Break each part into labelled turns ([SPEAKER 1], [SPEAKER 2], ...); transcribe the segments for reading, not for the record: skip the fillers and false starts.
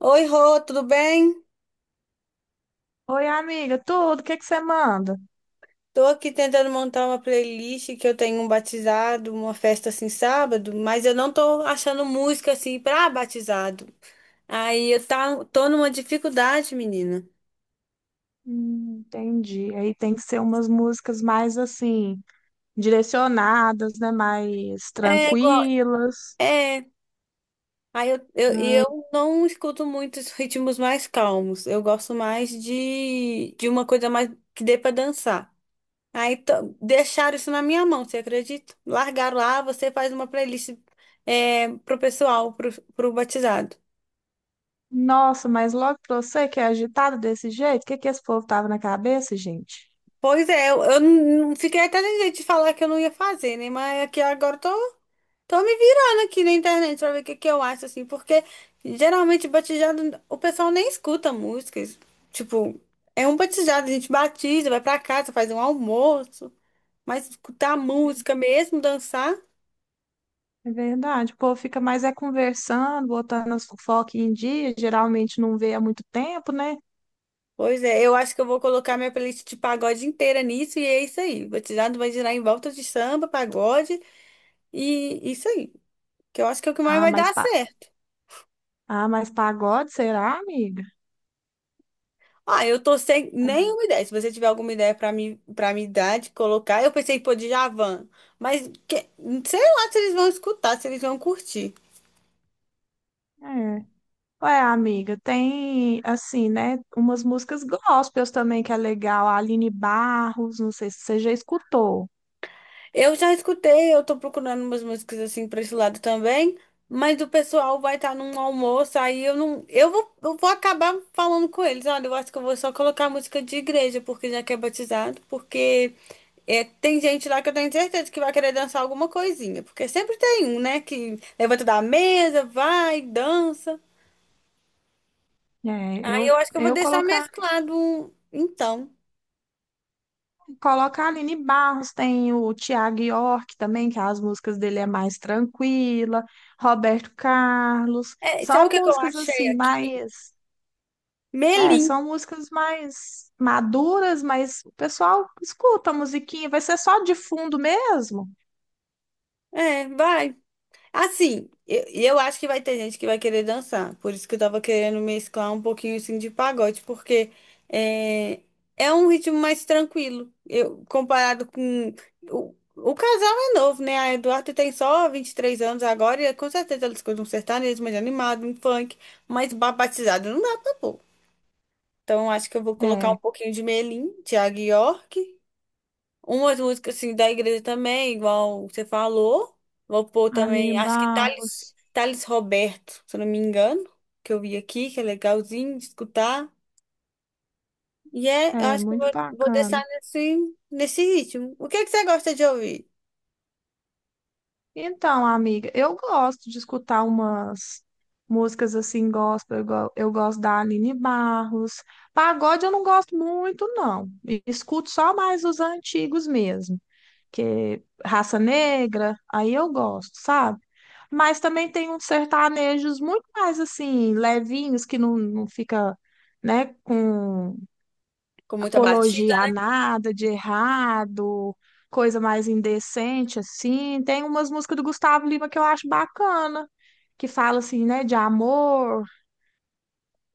[SPEAKER 1] Oi, Rô, tudo bem?
[SPEAKER 2] Oi, amiga, tudo? O que que você manda?
[SPEAKER 1] Tô aqui tentando montar uma playlist que eu tenho um batizado, uma festa assim sábado, mas eu não tô achando música assim pra batizado. Aí tô numa dificuldade, menina.
[SPEAKER 2] Entendi. Aí tem que ser umas músicas mais assim, direcionadas, né? Mais
[SPEAKER 1] É igual,
[SPEAKER 2] tranquilas.
[SPEAKER 1] é. Aí eu, eu,
[SPEAKER 2] Ai,
[SPEAKER 1] eu não escuto muitos ritmos mais calmos. Eu gosto mais de uma coisa mais que dê pra dançar. Deixaram isso na minha mão, você acredita? Largaram lá, você faz uma playlist pro pessoal, pro batizado.
[SPEAKER 2] nossa, mas logo pra você que é agitado desse jeito, o que é que esse povo tava na cabeça, gente?
[SPEAKER 1] Pois é, eu não fiquei até sem jeito de falar que eu não ia fazer, né? Mas aqui agora eu tô me virando aqui na internet pra ver o que, que eu acho, assim, porque geralmente batizado, o pessoal nem escuta músicas. Tipo, é um batizado, a gente batiza, vai pra casa, faz um almoço, mas escutar música mesmo, dançar.
[SPEAKER 2] É verdade, o povo fica mais é conversando, botando as fofocas em dia, geralmente não vê há muito tempo, né?
[SPEAKER 1] Pois é, eu acho que eu vou colocar minha playlist de pagode inteira nisso e é isso aí. Vou tirar, vai girar em volta de samba, pagode e isso aí. Que eu acho que é o que mais
[SPEAKER 2] Ah,
[SPEAKER 1] vai
[SPEAKER 2] mas
[SPEAKER 1] dar
[SPEAKER 2] pa-
[SPEAKER 1] certo.
[SPEAKER 2] Ah, mas pagode, será, amiga?
[SPEAKER 1] Ah, eu tô sem nenhuma ideia. Se você tiver alguma ideia pra mim, para me dar de colocar, eu pensei em pôr Djavan, mas que- sei lá se eles vão escutar, se eles vão curtir.
[SPEAKER 2] É. Ué, amiga, tem, assim, né, umas músicas gospels também que é legal. A Aline Barros, não sei se você já escutou.
[SPEAKER 1] Eu já escutei, eu tô procurando umas músicas assim pra esse lado também, mas o pessoal vai estar num almoço, aí eu não. Eu vou acabar falando com eles. Olha, eu acho que eu vou só colocar música de igreja, porque já que é batizado, porque é, tem gente lá que eu tenho certeza que vai querer dançar alguma coisinha, porque sempre tem um, né, que levanta da mesa, vai, dança.
[SPEAKER 2] É,
[SPEAKER 1] Aí eu
[SPEAKER 2] eu,
[SPEAKER 1] acho que eu vou
[SPEAKER 2] eu
[SPEAKER 1] deixar
[SPEAKER 2] colocar,
[SPEAKER 1] mesclado. Então,
[SPEAKER 2] Colocar a Aline Barros, tem o Tiago York também, que as músicas dele é mais tranquila. Roberto Carlos.
[SPEAKER 1] Sabe o
[SPEAKER 2] São
[SPEAKER 1] que que eu
[SPEAKER 2] músicas,
[SPEAKER 1] achei
[SPEAKER 2] assim,
[SPEAKER 1] aqui?
[SPEAKER 2] mais... É,
[SPEAKER 1] Melim.
[SPEAKER 2] são músicas mais maduras, mas o pessoal escuta a musiquinha, vai ser só de fundo mesmo.
[SPEAKER 1] É, vai. Assim, eu acho que vai ter gente que vai querer dançar. Por isso que eu tava querendo mesclar um pouquinho assim de pagode, porque é, é um ritmo mais tranquilo. Eu, comparado com. O casal é novo, né? A Eduardo tem só 23 anos agora, e com certeza ela escuta um sertanejo mais animado, um funk, mas batizado não dá pra pôr. Então, eu acho que eu vou colocar um
[SPEAKER 2] É.
[SPEAKER 1] pouquinho de Melim, Thiago York. Umas músicas assim da igreja também, igual você falou. Vou pôr
[SPEAKER 2] A Aline
[SPEAKER 1] também, acho que Thales,
[SPEAKER 2] Barros.
[SPEAKER 1] Thales Roberto, se eu não me engano, que eu vi aqui, que é legalzinho de escutar. Eu
[SPEAKER 2] É
[SPEAKER 1] acho que eu
[SPEAKER 2] muito
[SPEAKER 1] vou deixar
[SPEAKER 2] bacana.
[SPEAKER 1] nesse ritmo. O que é que você gosta de ouvir?
[SPEAKER 2] Então, amiga, eu gosto de escutar umas músicas assim, gospel. Eu gosto da Aline Barros. Pagode eu não gosto muito, não. E escuto só mais os antigos mesmo, que Raça Negra, aí eu gosto, sabe? Mas também tem uns sertanejos muito mais assim, levinhos, que não fica, né, com
[SPEAKER 1] Com muita batida?
[SPEAKER 2] apologia a nada de errado, coisa mais indecente, assim. Tem umas músicas do Gustavo Lima que eu acho bacana, que fala assim, né, de amor.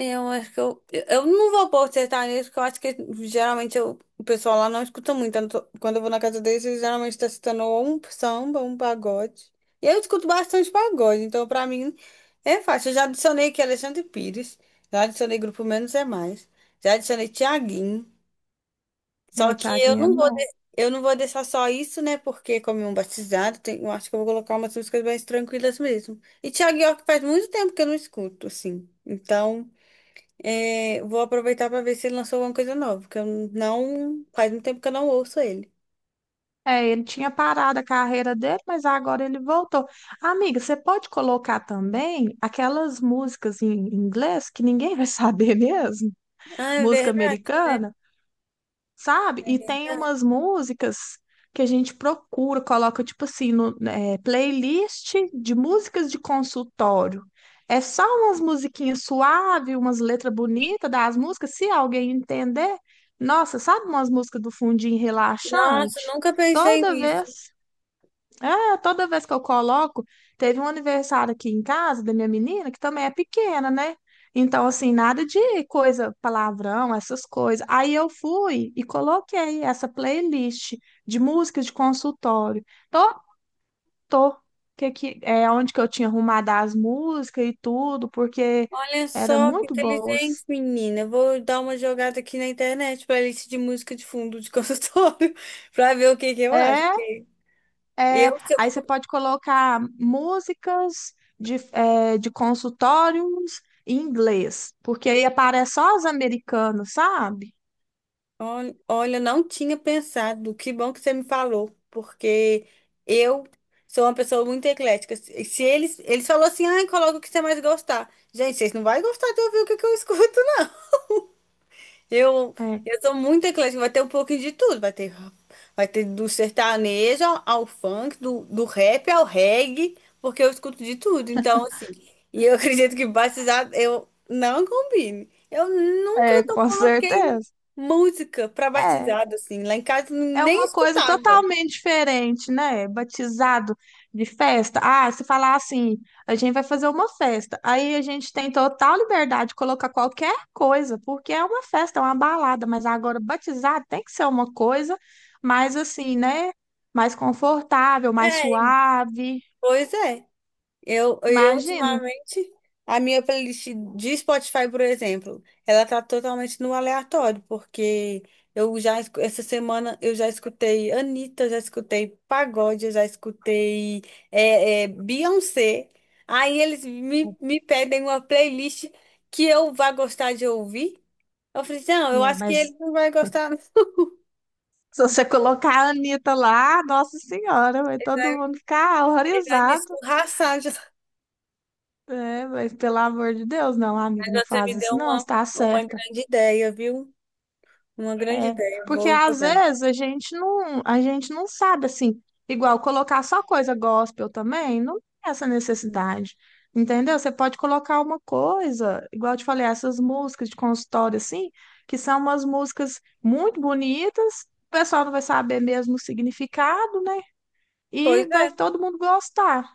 [SPEAKER 1] Eu acho que eu não vou acertar nisso, porque eu acho que geralmente o pessoal lá não escuta muito. Quando eu vou na casa deles, eles geralmente tá escutando ou um samba, ou um pagode. E eu escuto bastante pagode, então pra mim é fácil. Eu já adicionei aqui Alexandre Pires, já adicionei Grupo Menos é Mais, já adicionei Thiaguinho. Só
[SPEAKER 2] Ai,
[SPEAKER 1] que eu
[SPEAKER 2] Thiaguinho é
[SPEAKER 1] não vou,
[SPEAKER 2] bom.
[SPEAKER 1] de- eu não vou deixar só isso, né? Porque como é um batizado, eu acho que eu vou colocar umas músicas mais tranquilas mesmo. E Thiaguinho é que faz muito tempo que eu não escuto, assim. Então. É, vou aproveitar para ver se ele lançou alguma coisa nova, porque eu não. Faz um tempo que eu não ouço ele.
[SPEAKER 2] É, ele tinha parado a carreira dele, mas agora ele voltou. Amiga, você pode colocar também aquelas músicas em inglês que ninguém vai saber mesmo?
[SPEAKER 1] Ah, é
[SPEAKER 2] Música
[SPEAKER 1] verdade, né?
[SPEAKER 2] americana? Sabe?
[SPEAKER 1] É
[SPEAKER 2] E tem
[SPEAKER 1] verdade.
[SPEAKER 2] umas músicas que a gente procura, coloca tipo assim, no, é, playlist de músicas de consultório. É só umas musiquinhas suaves, umas letras bonitas das músicas, se alguém entender. Nossa, sabe umas músicas do fundinho
[SPEAKER 1] Nossa,
[SPEAKER 2] relaxante?
[SPEAKER 1] nunca pensei
[SPEAKER 2] Toda
[SPEAKER 1] nisso.
[SPEAKER 2] vez. Ah, toda vez que eu coloco, teve um aniversário aqui em casa da minha menina, que também é pequena, né? Então, assim, nada de coisa, palavrão, essas coisas. Aí eu fui e coloquei essa playlist de músicas de consultório. Tô, tô. Que, é onde que eu tinha arrumado as músicas e tudo, porque
[SPEAKER 1] Olha
[SPEAKER 2] eram
[SPEAKER 1] só que
[SPEAKER 2] muito boas.
[SPEAKER 1] inteligente, menina. Eu vou dar uma jogada aqui na internet playlist de música de fundo de consultório para ver o que que eu acho.
[SPEAKER 2] É,
[SPEAKER 1] Porque
[SPEAKER 2] É,
[SPEAKER 1] eu, se
[SPEAKER 2] Aí você
[SPEAKER 1] eu
[SPEAKER 2] pode colocar músicas de, é, de consultórios em inglês, porque aí aparece só os americanos, sabe?
[SPEAKER 1] Ol- Olha, eu não tinha pensado. Que bom que você me falou, porque eu sou uma pessoa muito eclética. Se eles falou assim, ai, coloca o que você mais gostar. Gente, vocês não vão gostar de ouvir o que que eu escuto, eu, eu sou muito eclética, vai ter um pouquinho de tudo, vai ter do sertanejo ao funk, do rap ao reggae, porque eu escuto de tudo, então assim, e eu acredito que batizado eu não combine. Eu nunca
[SPEAKER 2] É, é,
[SPEAKER 1] eu
[SPEAKER 2] com
[SPEAKER 1] coloquei
[SPEAKER 2] certeza.
[SPEAKER 1] música para
[SPEAKER 2] É.
[SPEAKER 1] batizado, assim, lá em casa
[SPEAKER 2] É
[SPEAKER 1] nem
[SPEAKER 2] uma coisa
[SPEAKER 1] escutava.
[SPEAKER 2] totalmente diferente, né? Batizado de festa. Ah, se falar assim, a gente vai fazer uma festa. Aí a gente tem total liberdade de colocar qualquer coisa, porque é uma festa, é uma balada. Mas agora, batizado tem que ser uma coisa mais assim, né? Mais confortável, mais
[SPEAKER 1] É,
[SPEAKER 2] suave.
[SPEAKER 1] pois é. Eu
[SPEAKER 2] Imagina.
[SPEAKER 1] ultimamente, a minha playlist de Spotify, por exemplo, ela tá totalmente no aleatório, porque essa semana, eu já escutei Anitta, já escutei Pagode, eu já escutei Beyoncé. Aí eles me pedem uma playlist que eu vá gostar de ouvir. Eu falei, assim, não, eu
[SPEAKER 2] Né?
[SPEAKER 1] acho que
[SPEAKER 2] Mas
[SPEAKER 1] ele não vai gostar, não.
[SPEAKER 2] se você colocar a Anitta lá, Nossa Senhora, vai todo mundo ficar
[SPEAKER 1] Ele vai me
[SPEAKER 2] horrorizado.
[SPEAKER 1] escorraçar.
[SPEAKER 2] É, mas pelo amor de Deus, não, amiga,
[SPEAKER 1] Mas
[SPEAKER 2] não
[SPEAKER 1] você
[SPEAKER 2] faz
[SPEAKER 1] me deu
[SPEAKER 2] isso, não,
[SPEAKER 1] uma,
[SPEAKER 2] está
[SPEAKER 1] uma
[SPEAKER 2] certa.
[SPEAKER 1] grande ideia, viu? Uma grande
[SPEAKER 2] É,
[SPEAKER 1] ideia, eu
[SPEAKER 2] porque
[SPEAKER 1] vou
[SPEAKER 2] às
[SPEAKER 1] jogar.
[SPEAKER 2] vezes a gente não sabe assim, igual colocar só coisa gospel também, não tem essa necessidade. Entendeu? Você pode colocar uma coisa, igual eu te falei, essas músicas de consultório assim, que são umas músicas muito bonitas, o pessoal não vai saber mesmo o significado, né? E
[SPEAKER 1] Pois
[SPEAKER 2] vai todo mundo gostar.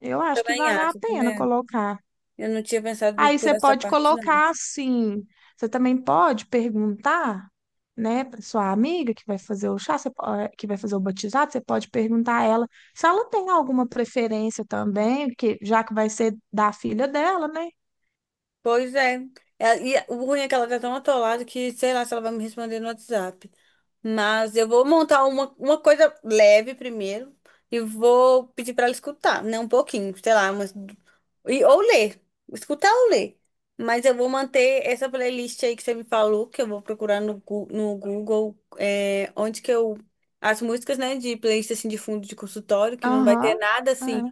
[SPEAKER 2] Eu acho que
[SPEAKER 1] também
[SPEAKER 2] vale a
[SPEAKER 1] acho,
[SPEAKER 2] pena
[SPEAKER 1] né?
[SPEAKER 2] colocar.
[SPEAKER 1] Eu não tinha pensado
[SPEAKER 2] Aí
[SPEAKER 1] por
[SPEAKER 2] você
[SPEAKER 1] essa
[SPEAKER 2] pode
[SPEAKER 1] parte, não.
[SPEAKER 2] colocar assim. Você também pode perguntar, né, para sua amiga que vai fazer o chá, que vai fazer o batizado, você pode perguntar a ela se ela tem alguma preferência também, que já que vai ser da filha dela, né?
[SPEAKER 1] Pois é. E o ruim é que ela tá tão atolada que sei lá se ela vai me responder no WhatsApp. Mas eu vou montar uma coisa leve primeiro e vou pedir pra ela escutar, né? Um pouquinho, sei lá, umas... e, ou ler. Escutar ou ler. Mas eu vou manter essa playlist aí que você me falou, que eu vou procurar no Google, é, onde que eu. As músicas, né, de playlist assim de fundo de consultório, que não vai ter
[SPEAKER 2] Aham.
[SPEAKER 1] nada assim
[SPEAKER 2] É.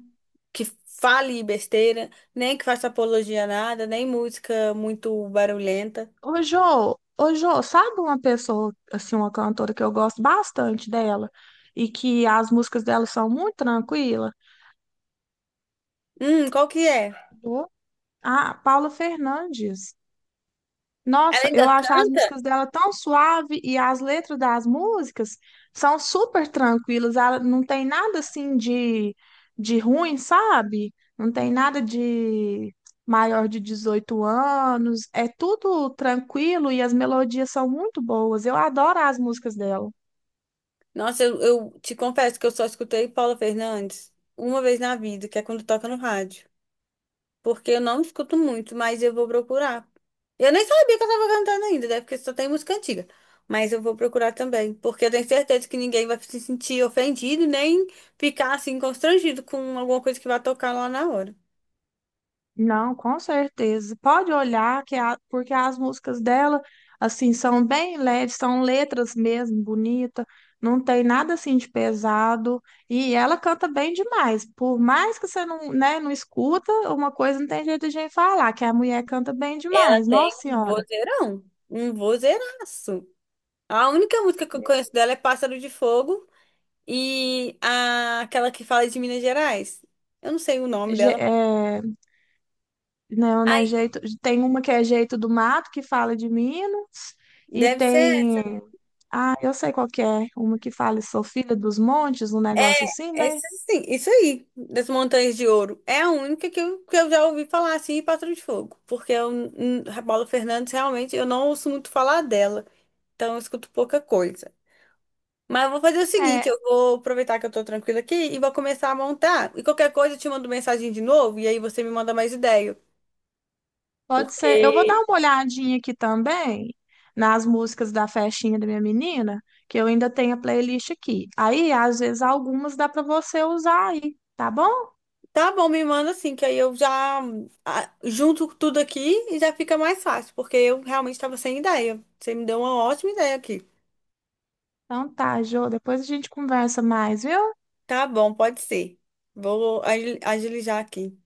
[SPEAKER 1] que fale besteira, nem que faça apologia a nada, nem música muito barulhenta.
[SPEAKER 2] Ô, Jô, sabe uma pessoa, assim, uma cantora que eu gosto bastante dela e que as músicas dela são muito tranquilas?
[SPEAKER 1] Qual que é?
[SPEAKER 2] Jô? Ah, Paula Fernandes.
[SPEAKER 1] Ela
[SPEAKER 2] Nossa, eu
[SPEAKER 1] ainda
[SPEAKER 2] acho as
[SPEAKER 1] canta?
[SPEAKER 2] músicas dela tão suave e as letras das músicas são super tranquilas. Ela não tem nada assim de ruim, sabe? Não tem nada de maior de 18 anos. É tudo tranquilo e as melodias são muito boas. Eu adoro as músicas dela.
[SPEAKER 1] Nossa, eu te confesso que eu só escutei Paula Fernandes uma vez na vida, que é quando toca no rádio. Porque eu não escuto muito, mas eu vou procurar. Eu nem sabia que eu tava cantando ainda, né? Porque só tem música antiga. Mas eu vou procurar também, porque eu tenho certeza que ninguém vai se sentir ofendido, nem ficar assim constrangido com alguma coisa que vai tocar lá na hora.
[SPEAKER 2] Não, com certeza. Pode olhar que a- porque as músicas dela assim são bem leves, são letras mesmo bonita, não tem nada assim de pesado e ela canta bem demais. Por mais que você não, né, não escuta, uma coisa não tem jeito de gente falar, que a mulher canta bem
[SPEAKER 1] Ela
[SPEAKER 2] demais.
[SPEAKER 1] tem
[SPEAKER 2] Nossa
[SPEAKER 1] um
[SPEAKER 2] Senhora.
[SPEAKER 1] vozeirão, um vozeiraço. A única música que eu conheço dela é Pássaro de Fogo e aquela que fala de Minas Gerais. Eu não sei o nome dela, mas.
[SPEAKER 2] É, não,
[SPEAKER 1] Ai,
[SPEAKER 2] né, jeito, tem uma que é Jeito do Mato que fala de Minas e
[SPEAKER 1] deve ser essa.
[SPEAKER 2] tem, ah, eu sei qual que é, uma que fala Sou Filha dos Montes, um negócio assim,
[SPEAKER 1] É,
[SPEAKER 2] né?
[SPEAKER 1] essa sim, isso aí, das Montanhas de Ouro. É a única que eu já ouvi falar assim, e Pássaro de Fogo. Porque eu, a Paula Fernandes, realmente, eu não ouço muito falar dela. Então eu escuto pouca coisa. Mas eu vou fazer o seguinte,
[SPEAKER 2] É,
[SPEAKER 1] eu vou aproveitar que eu tô tranquila aqui e vou começar a montar. E qualquer coisa eu te mando mensagem de novo e aí você me manda mais ideia.
[SPEAKER 2] pode ser. Eu vou dar
[SPEAKER 1] Porque
[SPEAKER 2] uma olhadinha aqui também nas músicas da festinha da minha menina, que eu ainda tenho a playlist aqui. Aí, às vezes, algumas dá para você usar aí, tá bom?
[SPEAKER 1] Tá bom, me manda assim, que aí eu junto tudo aqui e já fica mais fácil, porque eu realmente tava sem ideia. Você me deu uma ótima ideia aqui.
[SPEAKER 2] Então tá, Jô, depois a gente conversa mais, viu?
[SPEAKER 1] Tá bom, pode ser. Vou agilizar aqui.